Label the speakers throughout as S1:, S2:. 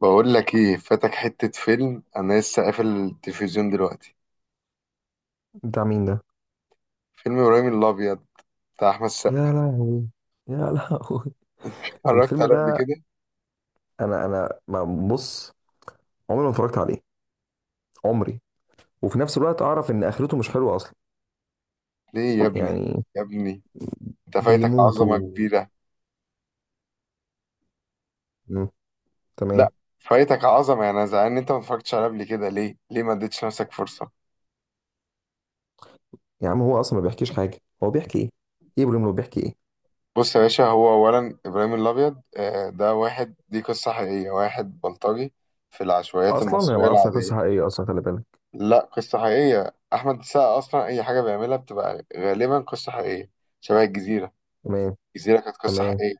S1: بقول لك ايه، فاتك حتة فيلم. انا لسه قافل التلفزيون دلوقتي.
S2: بتاع مين ده؟
S1: فيلم ابراهيم الابيض بتاع احمد السقا.
S2: يا لهوي، يا لهوي.
S1: اتفرجت
S2: الفيلم
S1: عليه قبل
S2: ده،
S1: كده؟
S2: انا ما- بص، عمري ما اتفرجت عليه، عمري. وفي نفس الوقت اعرف ان اخرته مش حلوه اصلا
S1: ليه يا ابني؟
S2: يعني
S1: يا ابني انت فايتك عظمة
S2: بيموتوا.
S1: كبيرة.
S2: مم. تمام.
S1: لا، فايتك عظمة يعني. انا زعلان ان انت ما اتفرجتش عليه قبل كده. ليه؟ ما اديتش نفسك فرصة؟
S2: يا عم هو اصلا ما بيحكيش حاجه، هو بيحكي ايه؟ ايه بلوم لو بيحكي ايه؟
S1: بص يا باشا، هو اولا ابراهيم الابيض ده واحد، دي قصة حقيقية، واحد بلطجي في العشوائيات
S2: اصلا انا ما
S1: المصرية
S2: اعرفش
S1: العادية.
S2: قصه حقيقيه اصلا، خلي بالك.
S1: لا، قصة حقيقية. احمد السقا اصلا اي حاجة بيعملها بتبقى غالبا قصة حقيقية. شبه الجزيرة.
S2: تمام.
S1: الجزيرة كانت قصة
S2: تمام.
S1: حقيقية.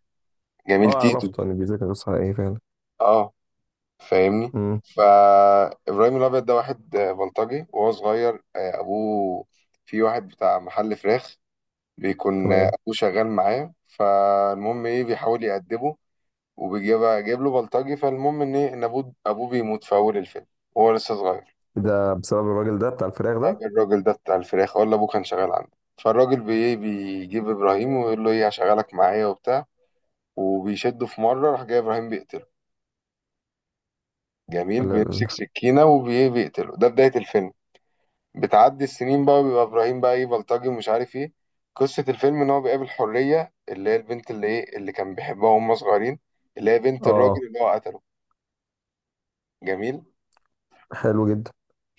S1: جميل
S2: اه
S1: تيتو.
S2: عرفت ان بيذاكر قصه حقيقيه فعلا.
S1: اه، فاهمني؟
S2: امم.
S1: فإبراهيم الأبيض ده واحد بلطجي، وهو صغير أبوه في واحد بتاع محل فراخ، بيكون
S2: تمام.
S1: أبوه شغال معاه. فالمهم إيه، بيحاول يأدبه وبيجيب جايب له بلطجي. فالمهم إن إيه، إن أبوه بيموت في أول الفيلم وهو لسه صغير.
S2: ده بسبب الراجل ده بتاع الفراخ ده؟
S1: الراجل ده بتاع الفراخ، ولا أبوه كان شغال عنده. فالراجل بي إيه، بيجيب إبراهيم ويقول له إيه، هشغلك معايا وبتاع. وبيشده في مرة، راح جاي إبراهيم بيقتله. جميل،
S2: ولا ال-
S1: بيمسك سكينة وبيقتله، ده بداية الفيلم. بتعدي السنين بقى وبيبقى إبراهيم بقى إيه، بلطجي ومش عارف إيه. قصة الفيلم إن هو بيقابل حرية، اللي هي البنت اللي إيه، اللي كان بيحبها وهم صغيرين، اللي هي بنت
S2: اه.
S1: الراجل اللي هو قتله. جميل.
S2: حلو جدا.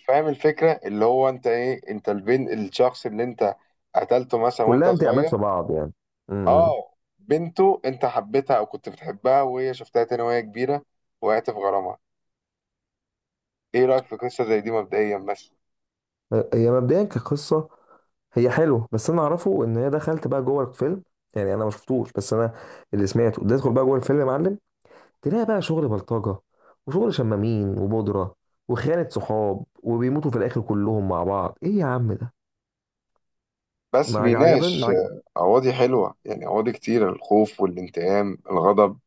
S1: فاهم الفكرة؟ اللي هو أنت إيه، أنت البنت، الشخص اللي أنت قتلته مثلا وأنت
S2: كلها انتماءات
S1: صغير،
S2: في بعض يعني. امم.
S1: آه، بنته أنت حبيتها أو كنت بتحبها، وهي شفتها تاني وهي كبيرة، وقعت في غرامها. إيه رأيك في قصة زي دي مبدئيا بس؟
S2: هي مبدئيا كقصة هي حلوة، بس انا اعرفه ان هي دخلت بقى جوه الفيلم، يعني انا ما شفتوش، بس انا اللي سمعته تدخل بقى جوه الفيلم يا معلم، تلاقي بقى شغل بلطجة وشغل شمامين وبودرة وخيانة صحاب وبيموتوا في الاخر كلهم مع بعض. ايه يا عم ده؟
S1: بس
S2: ما عج- عجبن ما
S1: بيناقش
S2: عج...
S1: أواضي حلوة يعني، أواضي كتير: الخوف والانتقام، الغضب،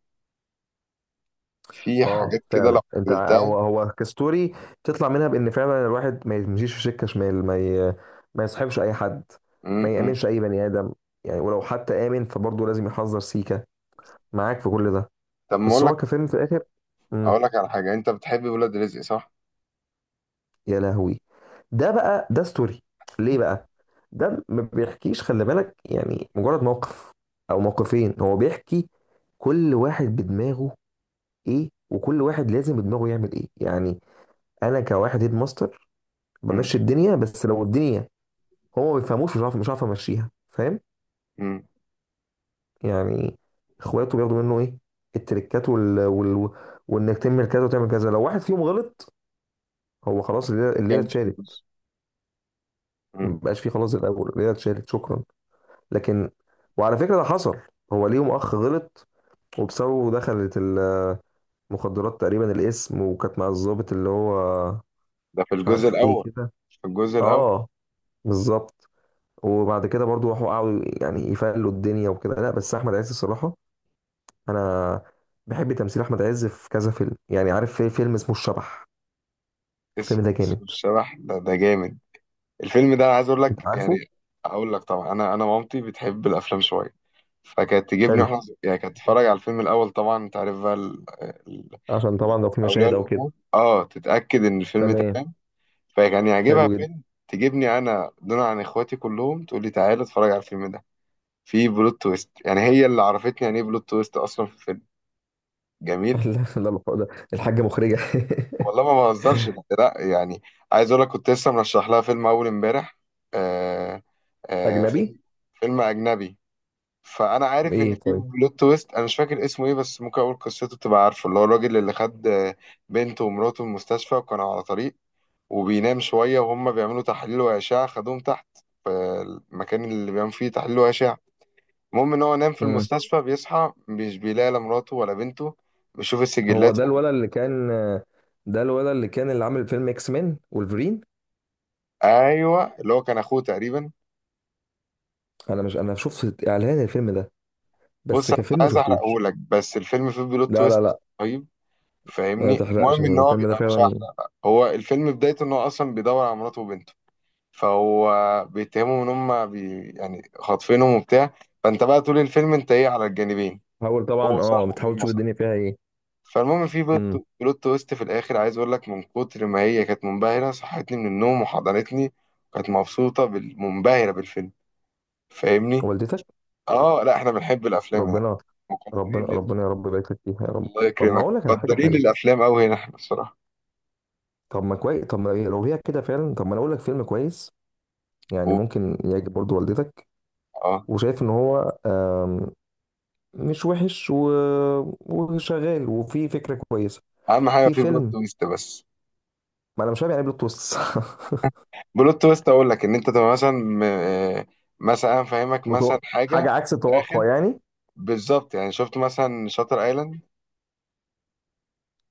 S1: في
S2: اه
S1: حاجات كده لو
S2: فعلا انت ع-
S1: قلتها.
S2: هو هو كستوري تطلع منها بان فعلا الواحد ما يمشيش في سكة شمال، ما ي... ما يصاحبش اي حد،
S1: م-
S2: ما
S1: م.
S2: يامنش اي بني ادم يعني، ولو حتى امن فبرضه لازم يحذر سيكة. معاك في كل ده،
S1: طب ما
S2: بس
S1: أقول
S2: هو
S1: لك،
S2: كفيلم في الاخر. مم.
S1: أقول لك على حاجة. أنت بتحب ولاد رزق؟ صح؟
S2: يا لهوي، ده بقى ده ستوري. ليه بقى؟ ده ما بيحكيش، خلي بالك، يعني مجرد موقف او موقفين هو بيحكي. كل واحد بدماغه، ايه، وكل واحد لازم بدماغه يعمل ايه يعني. انا كواحد هيد ماستر
S1: م-
S2: بمشي الدنيا، بس لو الدنيا هو ما بيفهموش، مش عارف مش عارف امشيها، فاهم
S1: م.
S2: يعني؟ اخواته بياخدوا منه ايه؟ التريكات وال... وال... وانك تعمل كذا وتعمل كذا، لو واحد فيهم غلط هو خلاص الليله الليلة
S1: كام
S2: اتشالت،
S1: جزء؟ م.
S2: مبقاش فيه خلاص زي الاول، الليله اتشالت شكرا. لكن، وعلى فكره ده حصل، هو ليهم اخ غلط وبسببه دخلت المخدرات تقريبا الاسم، وكانت مع الضابط اللي هو
S1: ده في
S2: مش
S1: الجزء
S2: عارف ايه
S1: الأول.
S2: كده.
S1: في الجزء الأول.
S2: اه بالظبط. وبعد كده برضو راحوا قعدوا يعني يفلوا الدنيا وكده، لا بس احمد عز الصراحه، انا بحب تمثيل احمد عز في كذا فيلم، يعني عارف في فيلم اسمه الشبح؟ الفيلم
S1: اسم،
S2: ده جامد.
S1: اسم الشبح ده، ده جامد. الفيلم ده عايز اقول لك
S2: انت عارفه؟
S1: يعني، اقول لك، طبعا انا مامتي بتحب الافلام شويه، فكانت تجيبني
S2: حلو.
S1: واحنا يعني كانت تتفرج على الفيلم الاول، طبعا انت عارف بقى ال-
S2: عشان طبعا لو في
S1: اولياء
S2: مشاهد او كده.
S1: الامور، اه، تتاكد ان الفيلم
S2: تمام.
S1: تمام، فكان يعجبها
S2: حلو جدا.
S1: فيلم، تجيبني انا دون عن اخواتي كلهم، تقول لي تعالى اتفرج على الفيلم ده. في بلوت تويست، يعني هي اللي عرفتني يعني ايه بلوت تويست اصلا في الفيلم. جميل.
S2: لا، لا، ده الحاجة مخرجة.
S1: والله ما بهزرش. لا لا، يعني عايز اقول لك، كنت لسه مرشح لها فيلم اول امبارح. آه
S2: أجنبي؟
S1: فيلم، فيلم اجنبي. فانا عارف ان
S2: إيه
S1: في
S2: طيب؟
S1: بلوت تويست. انا مش فاكر اسمه ايه، بس ممكن اقول قصته تبقى عارفه. اللي هو الراجل اللي خد بنته ومراته من المستشفى، وكانوا على طريق، وبينام شويه وهم بيعملوا تحليل واشعه، خدوهم تحت في المكان اللي بيعملوا فيه تحليل واشعه. المهم ان هو نام في
S2: مم.
S1: المستشفى، بيصحى مش بيلاقي لا مراته ولا بنته. بيشوف
S2: هو
S1: السجلات.
S2: ده الولد اللي كان، ده الولد اللي كان اللي عامل فيلم إكس مان وولفرين.
S1: ايوه، اللي هو كان اخوه تقريبا.
S2: أنا مش، أنا شفت إعلان الفيلم ده بس،
S1: بص انا مش
S2: كفيلم ما
S1: عايز احرقه
S2: شفتوش.
S1: لك، بس الفيلم فيه بلوت
S2: لا لا
S1: تويست
S2: لا
S1: رهيب،
S2: ما
S1: فاهمني؟
S2: تحرقش
S1: المهم ان هو
S2: الفيلم ده
S1: بيبقى، مش
S2: فعلا.
S1: هحرق بقى. هو الفيلم بدايته ان هو اصلا بيدور على مراته وبنته. فهو بيتهمهم ان هم بي يعني خاطفينهم وبتاع. فانت بقى طول الفيلم انت ايه، على الجانبين،
S2: حاول
S1: هو
S2: طبعا،
S1: صح
S2: أه بتحاول
S1: والام
S2: تشوف
S1: صح.
S2: الدنيا فيها إيه.
S1: فالمهم في بلوت
S2: مم.
S1: بلوت تويست في الاخر، عايز اقول لك من كتر ما هي كانت منبهره، صحتني من النوم وحضنتني، وكانت مبسوطه منبهره بالفيلم، فاهمني؟
S2: والدتك؟
S1: اه، لا احنا بنحب الافلام يعني،
S2: ربنا، ربنا
S1: مقدرين.
S2: ربنا يا رب يبارك لك فيها يا رب.
S1: الله
S2: طب ما
S1: يكرمك،
S2: أقول لك على حاجة
S1: مقدرين
S2: حلوة.
S1: الافلام قوي هنا احنا الصراحه.
S2: طب ما كويس، طب ما إيه، لو هي كده فعلا، طب ما أنا أقول لك فيلم كويس، يعني
S1: و-
S2: ممكن يعجب برضه والدتك.
S1: اه
S2: وشايف ان هو مش وحش و... وشغال وفي فكره كويسه.
S1: اهم حاجه
S2: في
S1: في بلوت
S2: فيلم،
S1: تويست بس.
S2: ما انا مش فاهم يعني بلوت تويست.
S1: بلوت تويست اقول لك، ان انت تبقى مثلا مثلا انا فاهمك
S2: متو...
S1: مثلا حاجه
S2: حاجه عكس
S1: في الاخر.
S2: التوقع يعني.
S1: بالظبط. يعني شفت مثلا شاتر ايلاند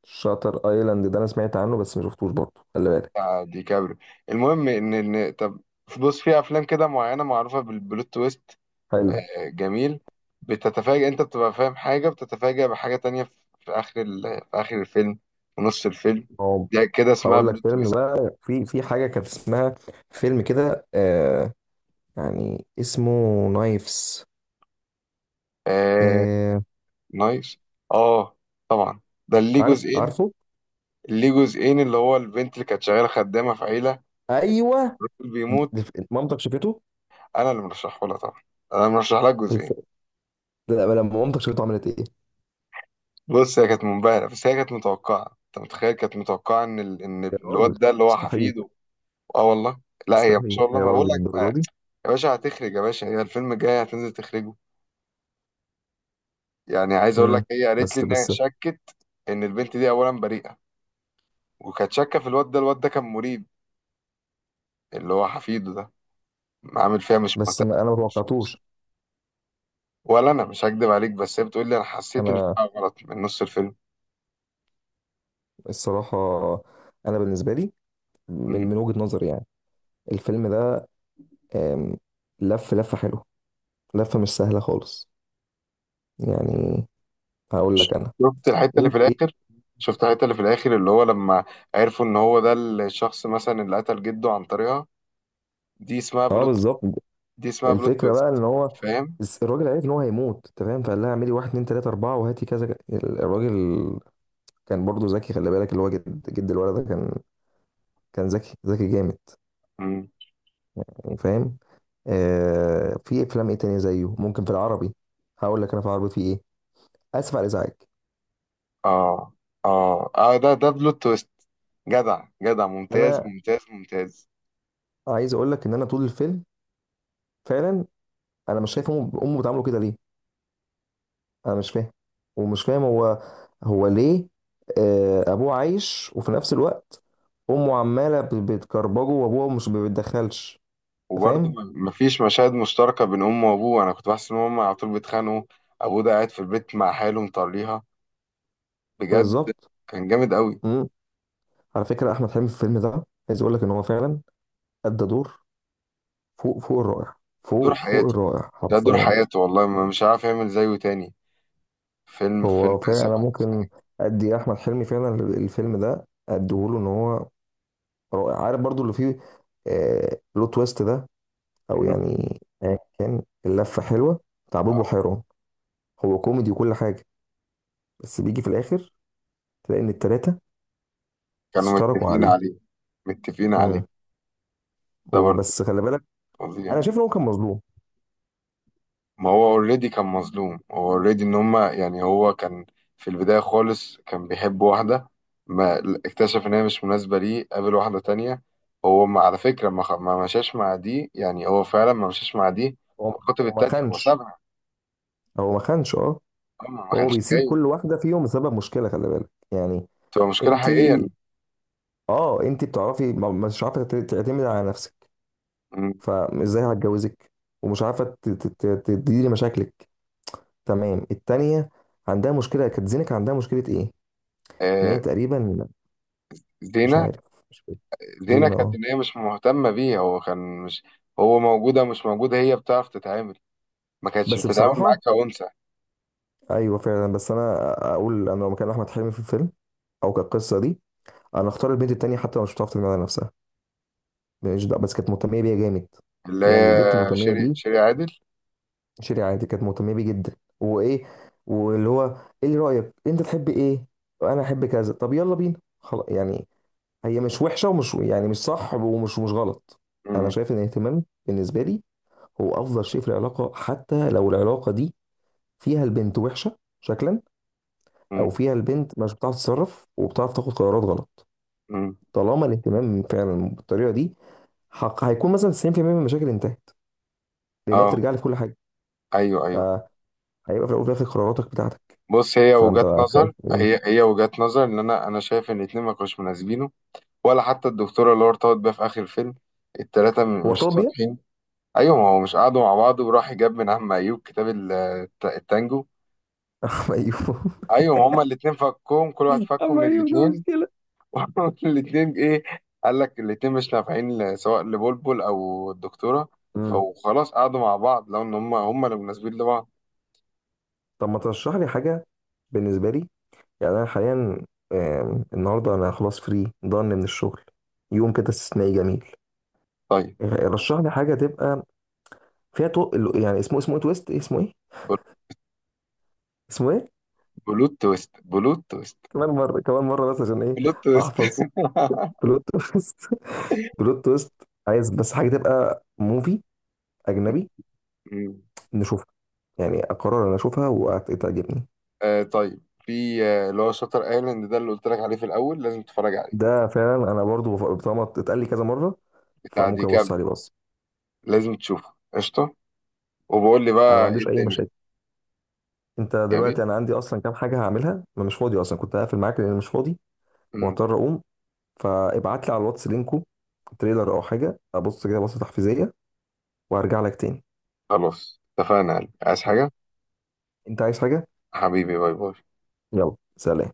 S2: شاتر ايلاند ده انا سمعت عنه بس ما شفتوش برضه، خلي بالك.
S1: بتاع ديكابريو. المهم ان طب بص، في افلام كده معينه معروفه بالبلوت تويست.
S2: حلو.
S1: جميل، بتتفاجئ. انت بتبقى فاهم حاجه، بتتفاجئ بحاجه تانية في في اخر في اخر الفيلم، في نص الفيلم.
S2: هو
S1: ده كده اسمها
S2: هقول لك
S1: بلوت
S2: فيلم بقى، في في حاجه كانت اسمها فيلم كده، آه، يعني اسمه نايفز.
S1: تويست.
S2: آه.
S1: نايس. اه، طبعا. ده اللي ليه
S2: عارف
S1: جزئين.
S2: عارفه.
S1: اللي ليه جزئين اللي هو البنت اللي كانت شغاله خدامه في عيله.
S2: ايوه.
S1: الراجل بيموت.
S2: مامتك شافته؟
S1: انا اللي مرشحه لها طبعا، انا مرشح لها جزئين.
S2: الف... لا، لما مامتك شافته عملت ايه؟
S1: بص هي كانت منبهره، بس هي كانت متوقعه، انت متخيل، كانت متوقعه ان
S2: يا راجل
S1: الواد ده اللي هو
S2: مستحيل.
S1: حفيده. اه والله. لا هي ما
S2: مستحيل
S1: شاء الله،
S2: يا
S1: ما بقول
S2: راجل
S1: لك بقى.
S2: الدرجه دي.
S1: يا باشا هتخرج، يا باشا هي الفيلم الجاي هتنزل تخرجه. يعني عايز اقول لك،
S2: امم.
S1: هي قالت لي
S2: بس
S1: ان هي
S2: بس
S1: شكت ان البنت دي اولا بريئه، وكانت شاكه في الواد ده. الواد ده كان مريب، اللي هو حفيده ده، عامل فيها مش
S2: بس
S1: مهتم
S2: ما- انا ما
S1: بالفلوس.
S2: توقعتوش.
S1: ولا انا مش هكدب عليك، بس هي بتقول لي انا حسيت ان في
S2: انا
S1: حاجه غلط من نص الفيلم.
S2: الصراحه، انا بالنسبه لي، من
S1: مم.
S2: من وجهه نظري يعني، الفيلم ده آم، لف لفه حلوه، لفه مش سهله خالص، يعني. هقول لك انا.
S1: شفت الحته اللي
S2: ايه
S1: في
S2: ايه.
S1: الاخر؟ شفت الحته اللي في الاخر، اللي هو لما عرفوا ان هو ده الشخص مثلا اللي قتل جده عن طريقها؟ دي اسمها
S2: اه
S1: بلوت،
S2: بالظبط.
S1: دي اسمها بلوت
S2: الفكره بقى
S1: تويست.
S2: ان هو،
S1: فاهم؟
S2: الس- الراجل عرف ان هو هيموت، انت فاهم، فقال لها اعملي واحد اتنين تلاته اربعه وهاتي كذا ك-. الراجل كان برضو ذكي، خلي بالك، اللي هو جد الولد ده كان، كان ذكي جامد،
S1: مم.
S2: يعني فاهم؟ آه، في افلام ايه تانية زيه ممكن في العربي. هقول لك انا في العربي في ايه. اسف على الازعاج.
S1: اه اه ده، ده بلوت تويست. جدع، جدع، ممتاز،
S2: انا
S1: ممتاز، ممتاز.
S2: عايز اقول لك ان انا طول الفيلم فعلا انا مش شايف، امه بتعامله كده ليه؟ انا مش فاهم. ومش فاهم هو، هو ليه آه ابوه عايش، وفي نفس الوقت امه عماله ب- بتكربجه وابوه مش ما بيتدخلش. انت
S1: وبرضه
S2: فاهم.
S1: مفيش مشاهد مشتركه بين امه وابوه. انا كنت بحس ان هما على طول بيتخانقوا. ابوه ده قاعد في البيت مع حاله مطريها، بجد.
S2: بالظبط.
S1: كان جامد قوي.
S2: امم. على فكره احمد حلمي في الفيلم ده، عايز اقول لك ان هو فعلا ادى دور فوق الرائع،
S1: دور
S2: فوق
S1: حياته،
S2: الرائع
S1: ده دور
S2: حرفيا.
S1: حياته، والله ما، مش عارف يعمل زيه تاني. فيلم، فيلم،
S2: هو فعلا
S1: اسف
S2: انا
S1: على الازعاج.
S2: ممكن ادي احمد حلمي فعلا الفيلم ده اديهوله، ان هو رائع، عارف برضو اللي فيه، آه لو تويست ده، او
S1: مم.
S2: يعني آه كان اللفه حلوه بتاع بوبو حيران. هو كوميدي وكل حاجه، بس بيجي في الاخر تلاقي ان التلاته
S1: كانوا
S2: اشتركوا
S1: متفقين
S2: عليه.
S1: عليه. متفقين عليه.
S2: امم.
S1: ده برضه
S2: وبس خلي بالك،
S1: فظيع.
S2: انا شايف ان هو كان مظلوم.
S1: ما هو اوريدي كان مظلوم. هو اوريدي ان هما يعني، هو كان في البداية خالص كان بيحب واحدة، ما اكتشف ان هي مش مناسبة ليه، قابل واحدة تانية. هو، ما على فكرة، ما مشاش مع دي، يعني هو فعلا ما مشاش مع دي،
S2: هو
S1: وخطب
S2: هو ما
S1: التانية، هو
S2: خانش،
S1: سابها.
S2: هو ما خانش، اه.
S1: هو ما
S2: هو
S1: كانش
S2: بيسيب
S1: جاي
S2: كل واحده فيهم بسبب مشكله، خلي بالك يعني.
S1: تبقى مشكلة
S2: انت،
S1: حقيقية.
S2: اه انت بتعرفي ما- مش عارفه تعتمد على نفسك، فازاي هتجوزك؟ ومش عارفه ت- ت- ت- تديري مشاكلك. تمام التانية عندها مشكله، كانت زينك عندها مشكله ايه؟ ان
S1: آه،
S2: هي تقريبا مش
S1: زينة.
S2: عارف، مش فاكر.
S1: زينة
S2: زينه
S1: كانت
S2: اه.
S1: إن هي مش مهتمة بيه. هو كان مش، هو موجودة مش موجودة، هي بتعرف تتعامل، ما كانتش
S2: بس
S1: بتتعامل معاك
S2: بصراحه
S1: كأنثى.
S2: ايوه فعلا، بس انا اقول انا لو مكان احمد حلمي في الفيلم او كقصه دي، انا اختار البنت التانية، حتى لو مش بتعرف تجمع نفسها، ماليش دعوة، بس كانت مهتميه بيا جامد،
S1: اللي
S2: يعني
S1: هي
S2: البنت المهتميه
S1: شيري
S2: دي.
S1: شيري عادل.
S2: شيري عادي كانت مهتميه بيه جدا وايه، واللي هو ايه اللي رايك انت تحب ايه، انا احب كذا، طب يلا بينا خلاص يعني. هي مش وحشه ومش يعني مش صح ومش مش غلط. انا
S1: مم.
S2: شايف ان الاهتمام بالنسبه لي هو افضل شيء في العلاقه، حتى لو العلاقه دي فيها البنت وحشه شكلا، او
S1: مم.
S2: فيها البنت مش بتعرف تتصرف وبتعرف تاخد قرارات غلط.
S1: مم.
S2: طالما الاهتمام فعلا بالطريقه دي، حق هيكون مثلا 90% من المشاكل انتهت، لان هي
S1: اه،
S2: بترجع لي في كل حاجه.
S1: ايوه ايوه.
S2: فهيبقى في الاول وفي الاخر قراراتك بتاعتك.
S1: بص هي
S2: فانت
S1: وجهات
S2: خايف
S1: نظر،
S2: من-.
S1: هي وجهات نظر. ان انا شايف ان الاتنين ما كانوش مناسبينه، ولا حتى الدكتورة اللي هو ارتبط بيها في اخر الفيلم. التلاتة
S2: هو
S1: مش
S2: ارتبط بيها؟
S1: صالحين. ايوه، ما هو مش قعدوا مع بعض؟ وراح جاب من عم ايوب كتاب التانجو.
S2: اما ايوه.
S1: ايوه، ما هما الاتنين فكهم، كل واحد فكه
S2: اما
S1: من
S2: ايوه ده
S1: الاتنين.
S2: مشكله.
S1: الاتنين ايه، قال لك الاتنين مش نافعين سواء لبلبل او الدكتورة،
S2: مم.
S1: فخلاص قعدوا مع بعض، لو ان هم اللي مناسبين لبعض.
S2: طب ما ترشح لي حاجه، بالنسبه لي يعني انا حاليا آم، النهارده انا خلاص فري ضن من الشغل، يوم كده استثنائي جميل.
S1: طيب.
S2: آه، رشح لي حاجه تبقى فيها تو... يعني اسمه، اسمه ايه تويست، إيه اسمه ايه؟
S1: بل-
S2: اسمه ايه؟
S1: بلوت تويست، بلوت تويست،
S2: كمان مره، كمان مره، بس عشان ايه
S1: بلوت تويست.
S2: احفظ. بلوت تويست. بلوت تويست. عايز بس حاجه تبقى موفي اجنبي
S1: مم.
S2: نشوفها، يعني اقرر انا اشوفها وتعجبني.
S1: آه طيب، في اللي هو شاتر ايلاند ده اللي قلت لك عليه في الاول، لازم تتفرج عليه،
S2: ده فعلا انا برضو بف- طالما اتقال لي كذا مره
S1: بتاع
S2: فممكن ابص
S1: ديكابريو.
S2: عليه. بص
S1: لازم تشوفه قشطه، وبقول لي
S2: انا ما
S1: بقى ايه
S2: عنديش اي
S1: الدنيا.
S2: مشاكل، انت
S1: جميل.
S2: دلوقتي انا عندي اصلا كام حاجه هعملها، ما مش فاضي اصلا، كنت هقفل معاك لان أنا مش فاضي
S1: مم.
S2: وهضطر اقوم. فابعت لي على الواتس لينكو تريلر او حاجه ابص كده بصه تحفيزيه، وارجع لك تاني.
S1: خلاص اتفقنا يا قلبي. عايز حاجه؟
S2: انت عايز حاجه؟
S1: حبيبي باي باي.
S2: يلا سلام.